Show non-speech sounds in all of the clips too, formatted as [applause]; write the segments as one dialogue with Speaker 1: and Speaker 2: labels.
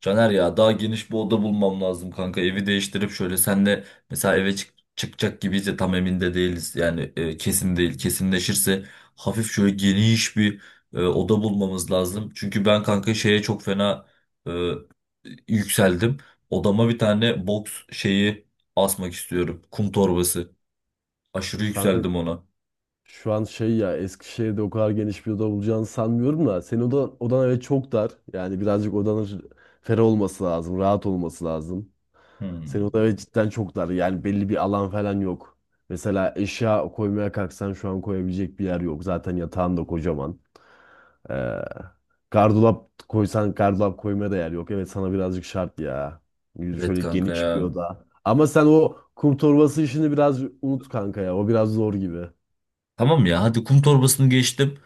Speaker 1: Caner ya daha geniş bir oda bulmam lazım kanka. Evi değiştirip şöyle senle mesela eve çıkacak gibiyiz de tam emin de değiliz. Yani kesin değil. Kesinleşirse hafif şöyle geniş bir oda bulmamız lazım. Çünkü ben kanka şeye çok fena e, yükseldim. Odama bir tane box şeyi asmak istiyorum. Kum torbası. Aşırı
Speaker 2: Kanka
Speaker 1: yükseldim ona.
Speaker 2: şu an şey ya, Eskişehir'de o kadar geniş bir oda bulacağını sanmıyorum da senin odan, evet çok dar. Yani birazcık odanın ferah olması lazım, rahat olması lazım. Senin
Speaker 1: Hmm.
Speaker 2: odan evet cidden çok dar. Yani belli bir alan falan yok. Mesela eşya koymaya kalksan şu an koyabilecek bir yer yok. Zaten yatağın da kocaman. Ee, Gardırop koysan gardırop koymaya da yer yok. Evet sana birazcık şart ya. Yürü
Speaker 1: Evet
Speaker 2: şöyle
Speaker 1: kanka
Speaker 2: geniş bir
Speaker 1: ya.
Speaker 2: oda. Ama sen o kum torbası işini biraz unut kanka ya. O biraz zor gibi.
Speaker 1: Tamam ya, hadi kum torbasını geçtim.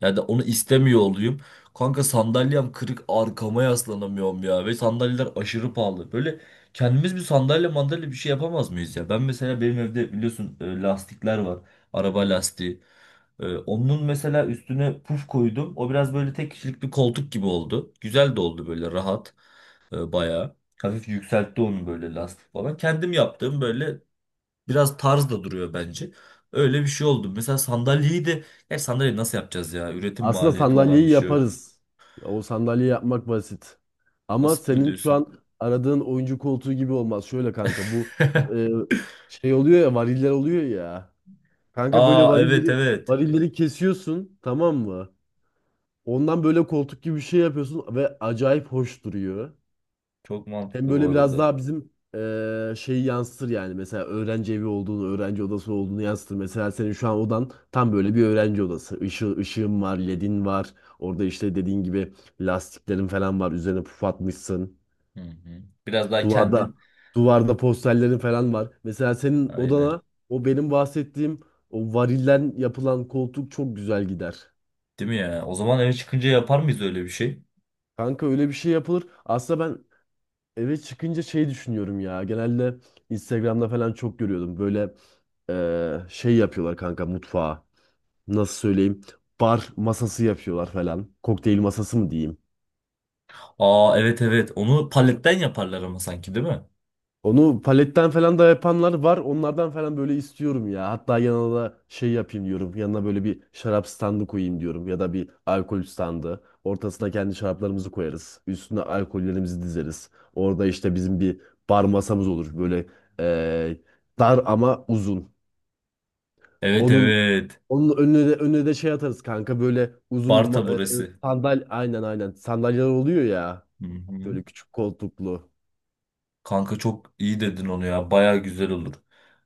Speaker 1: Ya da onu istemiyor olayım. Kanka sandalyem kırık, arkama yaslanamıyorum ya. Ve sandalyeler aşırı pahalı. Böyle kendimiz bir sandalye mandalye bir şey yapamaz mıyız ya? Ben mesela benim evde biliyorsun lastikler var. Araba lastiği. Onun mesela üstüne puf koydum. O biraz böyle tek kişilik bir koltuk gibi oldu. Güzel de oldu, böyle rahat. Bayağı. Hafif yükseltti onu böyle, lastik falan. Kendim yaptığım böyle, biraz tarz da duruyor bence. Öyle bir şey oldu. Mesela sandalyeyi de... Ya sandalyeyi nasıl yapacağız ya? Üretim
Speaker 2: Aslında
Speaker 1: maliyeti olan
Speaker 2: sandalyeyi
Speaker 1: bir şey o.
Speaker 2: yaparız. O sandalye yapmak basit. Ama
Speaker 1: Basit mi
Speaker 2: senin şu
Speaker 1: diyorsun?
Speaker 2: an aradığın oyuncu koltuğu gibi olmaz. Şöyle kanka bu
Speaker 1: [laughs]
Speaker 2: e, şey oluyor ya, variller oluyor ya. Kanka böyle
Speaker 1: Aa evet,
Speaker 2: varilleri
Speaker 1: evet.
Speaker 2: varilleri kesiyorsun, tamam mı? Ondan böyle koltuk gibi bir şey yapıyorsun ve acayip hoş duruyor.
Speaker 1: Çok
Speaker 2: Hem
Speaker 1: mantıklı bu
Speaker 2: böyle biraz
Speaker 1: arada.
Speaker 2: daha bizim şeyi yansıtır yani. Mesela öğrenci evi olduğunu, öğrenci odası olduğunu yansıtır. Mesela senin şu an odan tam böyle bir öğrenci odası. Işığın var, ledin var. Orada işte dediğin gibi lastiklerin falan var. Üzerine puf atmışsın.
Speaker 1: Hı hı. Biraz daha
Speaker 2: Duvarda
Speaker 1: kendin...
Speaker 2: duvarda posterlerin falan var. Mesela senin
Speaker 1: Aynen.
Speaker 2: odana o benim bahsettiğim o varilden yapılan koltuk çok güzel gider.
Speaker 1: Değil mi ya? O zaman eve çıkınca yapar mıyız öyle bir şey?
Speaker 2: Kanka öyle bir şey yapılır. Aslında ben eve çıkınca şey düşünüyorum ya. Genelde Instagram'da falan çok görüyordum. Böyle şey yapıyorlar kanka, mutfağa. Nasıl söyleyeyim? Bar masası yapıyorlar falan. Kokteyl masası mı diyeyim?
Speaker 1: Aa evet, evet. Onu paletten yaparlar ama sanki, değil mi?
Speaker 2: Onu paletten falan da yapanlar var. Onlardan falan böyle istiyorum ya. Hatta yanına da şey yapayım diyorum. Yanına böyle bir şarap standı koyayım diyorum. Ya da bir alkol standı. Ortasına kendi şaraplarımızı koyarız. Üstüne alkollerimizi dizeriz. Orada işte bizim bir bar masamız olur. Böyle eee, dar ama uzun.
Speaker 1: Evet,
Speaker 2: Onun
Speaker 1: evet.
Speaker 2: onun önüne de şey atarız kanka, böyle uzun
Speaker 1: Bar
Speaker 2: ma- e,
Speaker 1: taburesi.
Speaker 2: sandal aynen aynen sandalyeler oluyor ya,
Speaker 1: Hı hı.
Speaker 2: böyle küçük koltuklu.
Speaker 1: Kanka çok iyi dedin onu ya. Baya güzel olur.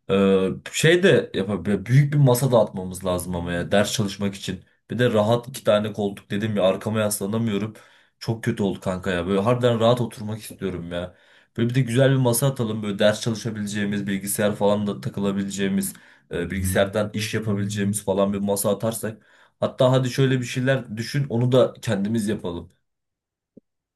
Speaker 1: Şey de yapabilir. Büyük bir masa dağıtmamız lazım ama ya, ders çalışmak için. Bir de rahat iki tane koltuk dedim ya, arkama yaslanamıyorum. Çok kötü oldu kanka ya. Böyle harbiden rahat oturmak istiyorum ya. Böyle bir de güzel bir masa atalım. Böyle ders çalışabileceğimiz, bilgisayar falan da takılabileceğimiz, bilgisayardan iş yapabileceğimiz falan bir masa atarsak. Hatta hadi şöyle bir şeyler düşün, onu da kendimiz yapalım.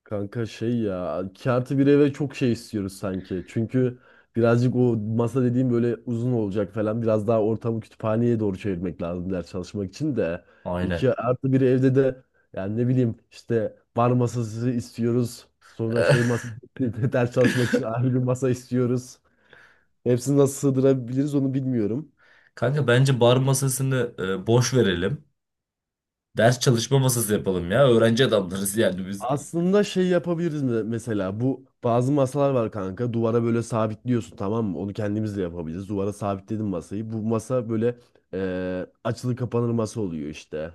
Speaker 2: Kanka şey ya, iki artı bir eve çok şey istiyoruz sanki. Çünkü birazcık o masa dediğim böyle uzun olacak falan, biraz daha ortamı kütüphaneye doğru çevirmek lazım ders çalışmak için de.
Speaker 1: Aynen.
Speaker 2: İki artı bir evde de yani ne bileyim, işte bar masası istiyoruz. Sonra şey
Speaker 1: [laughs]
Speaker 2: masası, [laughs] ders çalışmak için ayrı bir masa istiyoruz. Hepsini nasıl sığdırabiliriz onu bilmiyorum.
Speaker 1: Kanka bence bar masasını boş verelim. Ders çalışma masası yapalım ya. Öğrenci adamlarız yani biz.
Speaker 2: Aslında şey yapabiliriz, mesela bu bazı masalar var kanka, duvara böyle sabitliyorsun tamam mı, onu kendimiz de yapabiliriz. Duvara sabitledim masayı, bu masa böyle açılır kapanır masa oluyor işte.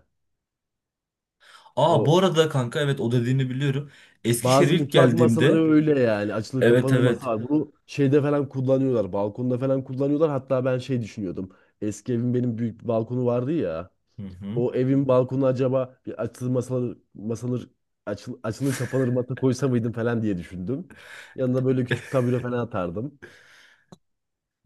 Speaker 1: Aa
Speaker 2: O
Speaker 1: bu arada kanka, evet o dediğini biliyorum. Eskişehir'e
Speaker 2: bazı
Speaker 1: ilk
Speaker 2: mutfak
Speaker 1: geldiğimde
Speaker 2: masaları öyle yani, açılır
Speaker 1: evet,
Speaker 2: kapanır masa
Speaker 1: evet.
Speaker 2: var, bunu şeyde falan kullanıyorlar, balkonda falan kullanıyorlar. Hatta ben şey düşünüyordum, eski evim benim büyük bir balkonu vardı ya.
Speaker 1: Hı hı.
Speaker 2: O evin balkonu acaba bir açılır masalar, açılır kapanır masa koysa mıydım falan diye düşündüm. Yanına böyle küçük tabure falan atardım.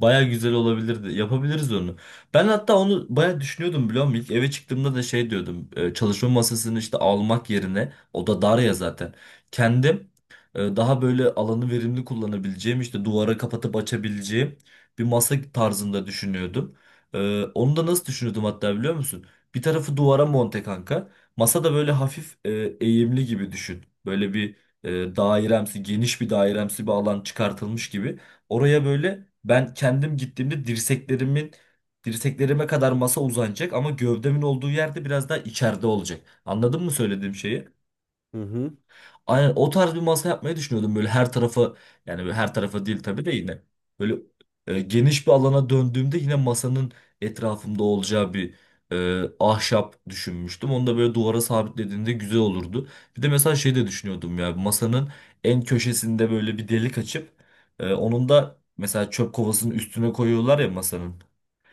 Speaker 1: Baya güzel olabilirdi. Yapabiliriz onu. Ben hatta onu baya düşünüyordum, biliyor musun? İlk eve çıktığımda da şey diyordum. Çalışma masasını işte almak yerine, o da dar ya zaten. Kendim daha böyle alanı verimli kullanabileceğim, işte duvara kapatıp açabileceğim bir masa tarzında düşünüyordum. Onu da nasıl düşünüyordum hatta, biliyor musun? Bir tarafı duvara monte kanka. Masa da böyle hafif eğimli gibi düşün. Böyle bir dairemsi, geniş bir dairemsi bir alan çıkartılmış gibi. Oraya böyle ben kendim gittiğimde dirseklerime kadar masa uzanacak, ama gövdemin olduğu yerde biraz daha içeride olacak. Anladın mı söylediğim şeyi?
Speaker 2: Hı hı.
Speaker 1: Aynen, o tarz bir masa yapmayı düşünüyordum. Böyle her tarafı, yani böyle her tarafı değil tabii de, yine böyle geniş bir alana döndüğümde yine masanın etrafımda olacağı bir ahşap düşünmüştüm. Onu da böyle duvara sabitlediğinde güzel olurdu. Bir de mesela şey de düşünüyordum ya, masanın en köşesinde böyle bir delik açıp onun da mesela çöp kovasının üstüne koyuyorlar ya masanın.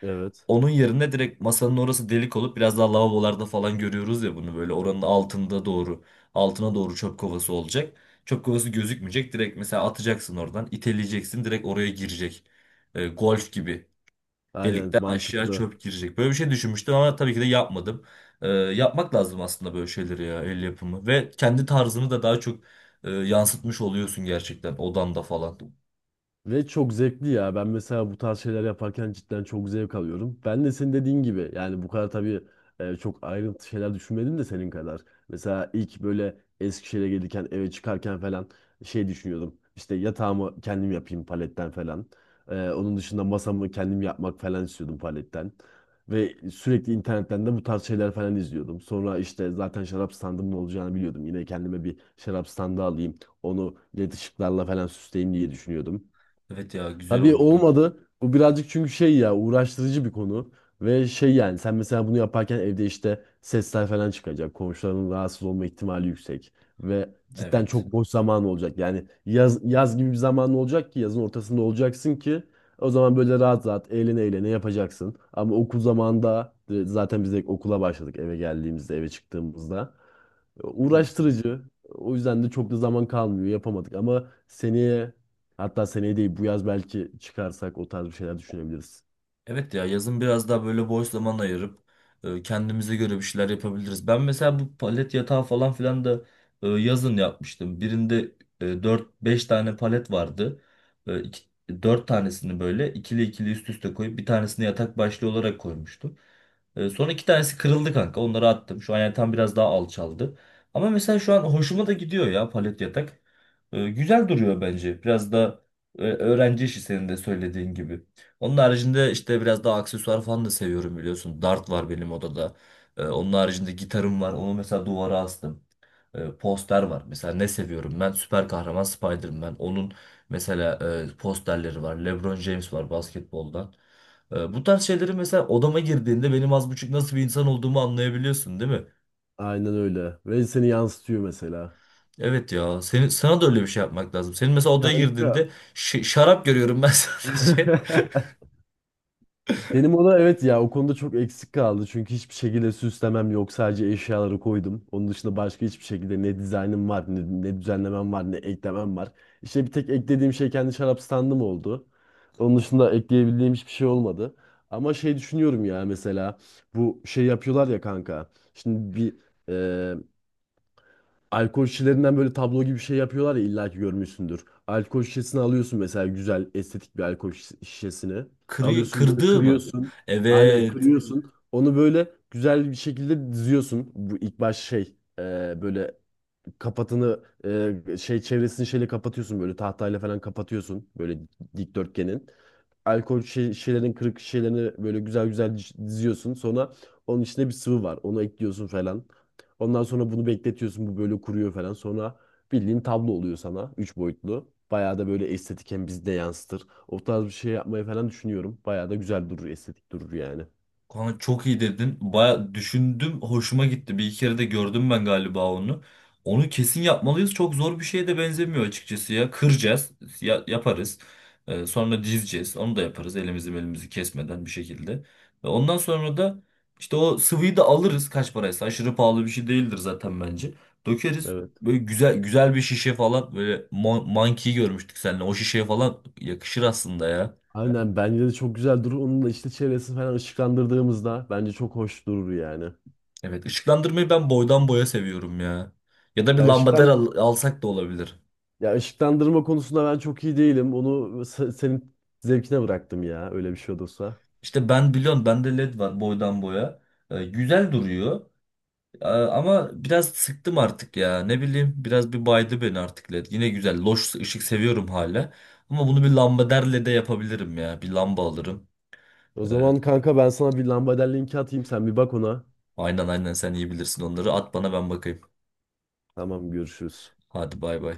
Speaker 2: Evet.
Speaker 1: Onun yerine direkt masanın orası delik olup, biraz daha lavabolarda falan görüyoruz ya bunu, böyle oranın altında doğru altına doğru çöp kovası olacak. Çöp kovası gözükmeyecek. Direkt mesela atacaksın, oradan iteleyeceksin, direkt oraya girecek. Golf gibi
Speaker 2: Aynen,
Speaker 1: delikten aşağı
Speaker 2: mantıklı.
Speaker 1: çöp girecek. Böyle bir şey düşünmüştüm ama tabii ki de yapmadım. Yapmak lazım aslında böyle şeyleri ya, el yapımı ve kendi tarzını da daha çok yansıtmış oluyorsun gerçekten odanda falan.
Speaker 2: Ve çok zevkli ya. Ben mesela bu tarz şeyler yaparken cidden çok zevk alıyorum. Ben de senin dediğin gibi yani bu kadar tabii çok ayrıntı şeyler düşünmedim de senin kadar. Mesela ilk böyle Eskişehir'e gelirken, eve çıkarken falan şey düşünüyordum. İşte yatağımı kendim yapayım paletten falan. E, onun dışında masamı kendim yapmak falan istiyordum paletten. Ve sürekli internetten de bu tarz şeyler falan izliyordum. Sonra işte zaten şarap standımın olacağını biliyordum. Yine kendime bir şarap standı alayım, onu led ışıklarla falan süsleyeyim diye düşünüyordum.
Speaker 1: Evet ya, güzel
Speaker 2: Tabii
Speaker 1: olurdu.
Speaker 2: olmadı. Bu birazcık çünkü şey ya, uğraştırıcı bir konu. Ve şey yani sen mesela bunu yaparken evde işte sesler falan çıkacak. Komşuların rahatsız olma ihtimali yüksek. Ve cidden
Speaker 1: Evet.
Speaker 2: çok boş zaman olacak. Yani yaz gibi bir zaman olacak ki, yazın ortasında olacaksın ki o zaman böyle rahat rahat, eğlene eğlene yapacaksın. Ama okul zamanında zaten biz de okula başladık eve geldiğimizde, eve çıktığımızda.
Speaker 1: Hı hı.
Speaker 2: Uğraştırıcı. O yüzden de çok da zaman kalmıyor, yapamadık ama seneye, hatta seneye değil bu yaz belki çıkarsak o tarz bir şeyler düşünebiliriz.
Speaker 1: Evet ya, yazın biraz daha böyle boş zaman ayırıp kendimize göre bir şeyler yapabiliriz. Ben mesela bu palet yatağı falan filan da yazın yapmıştım. Birinde dört beş tane palet vardı. Dört tanesini böyle ikili ikili üst üste koyup, bir tanesini yatak başlığı olarak koymuştum. Sonra iki tanesi kırıldı kanka. Onları attım. Şu an yatağım biraz daha alçaldı. Ama mesela şu an hoşuma da gidiyor ya palet yatak. Güzel duruyor bence. Biraz da öğrenci işi, senin de söylediğin gibi. Onun haricinde işte biraz daha aksesuar falan da seviyorum, biliyorsun. Dart var benim odada. Onun haricinde gitarım var. Onu mesela duvara astım. Poster var. Mesela ne seviyorum ben? Süper kahraman Spider-Man. Onun mesela posterleri var. LeBron James var basketboldan. Bu tarz şeyleri mesela odama girdiğinde benim az buçuk nasıl bir insan olduğumu anlayabiliyorsun, değil mi?
Speaker 2: Aynen öyle. Ve seni yansıtıyor mesela.
Speaker 1: Evet ya. Sana da öyle bir şey yapmak lazım. Senin mesela odaya
Speaker 2: Kanka.
Speaker 1: girdiğinde şarap görüyorum ben [laughs] sadece.
Speaker 2: [laughs] Benim o evet ya, o konuda çok eksik kaldı. Çünkü hiçbir şekilde süslemem yok. Sadece eşyaları koydum. Onun dışında başka hiçbir şekilde ne dizaynım var, ne düzenlemem var, ne eklemem var. İşte bir tek eklediğim şey kendi şarap standım oldu. Onun dışında ekleyebildiğim hiçbir şey olmadı. Ama şey düşünüyorum ya, mesela bu şey yapıyorlar ya kanka. Şimdi bir alkol şişelerinden böyle tablo gibi bir şey yapıyorlar ya, illa ki görmüşsündür. Alkol şişesini alıyorsun mesela, güzel estetik bir alkol şişesini.
Speaker 1: Kırıyor,
Speaker 2: Alıyorsun, böyle
Speaker 1: kırdığı mı?
Speaker 2: kırıyorsun. Aynen,
Speaker 1: Evet.
Speaker 2: kırıyorsun. Onu böyle güzel bir şekilde diziyorsun. Bu ilk baş şey, e, böyle kapatını şey çevresini şeyle kapatıyorsun, böyle tahtayla falan kapatıyorsun, böyle dikdörtgenin, alkol şişelerin kırık şişelerini böyle güzel güzel diziyorsun. Sonra onun içinde bir sıvı var, onu ekliyorsun falan. Ondan sonra bunu bekletiyorsun, bu böyle kuruyor falan. Sonra bildiğin tablo oluyor sana. Üç boyutlu. Bayağı da böyle estetik, hem bizi de yansıtır. O tarz bir şey yapmayı falan düşünüyorum. Bayağı da güzel durur, estetik durur yani.
Speaker 1: Kanka çok iyi dedin. Baya düşündüm, hoşuma gitti. Bir iki kere de gördüm ben galiba onu. Onu kesin yapmalıyız. Çok zor bir şeye de benzemiyor açıkçası ya. Kıracağız, yaparız. Sonra dizeceğiz. Onu da yaparız elimizi belimizi kesmeden bir şekilde. Ve ondan sonra da işte o sıvıyı da alırız kaç paraysa. Aşırı pahalı bir şey değildir zaten bence. Dökeriz.
Speaker 2: Evet.
Speaker 1: Böyle güzel güzel bir şişe falan, böyle monkey görmüştük seninle. O şişeye falan yakışır aslında ya.
Speaker 2: Aynen, bence de çok güzel durur. Onun da işte çevresini falan ışıklandırdığımızda bence çok hoş durur yani.
Speaker 1: Evet, ışıklandırmayı ben boydan boya seviyorum ya. Ya da bir
Speaker 2: Ya
Speaker 1: lambader
Speaker 2: ışıklan
Speaker 1: alsak da olabilir.
Speaker 2: Ya ışıklandırma konusunda ben çok iyi değilim. Onu senin zevkine bıraktım ya. Öyle bir şey olursa.
Speaker 1: İşte ben biliyorum, bende led var boydan boya. Güzel duruyor. Ama biraz sıktım artık ya. Ne bileyim, biraz bir baydı beni artık led. Yine güzel loş ışık seviyorum hala. Ama bunu bir lambader lede yapabilirim ya. Bir lamba alırım.
Speaker 2: O
Speaker 1: Ee,
Speaker 2: zaman kanka ben sana bir lambader linki atayım. Sen bir bak ona.
Speaker 1: aynen, sen iyi bilirsin onları. At bana, ben bakayım.
Speaker 2: Tamam, görüşürüz.
Speaker 1: Hadi bay bay.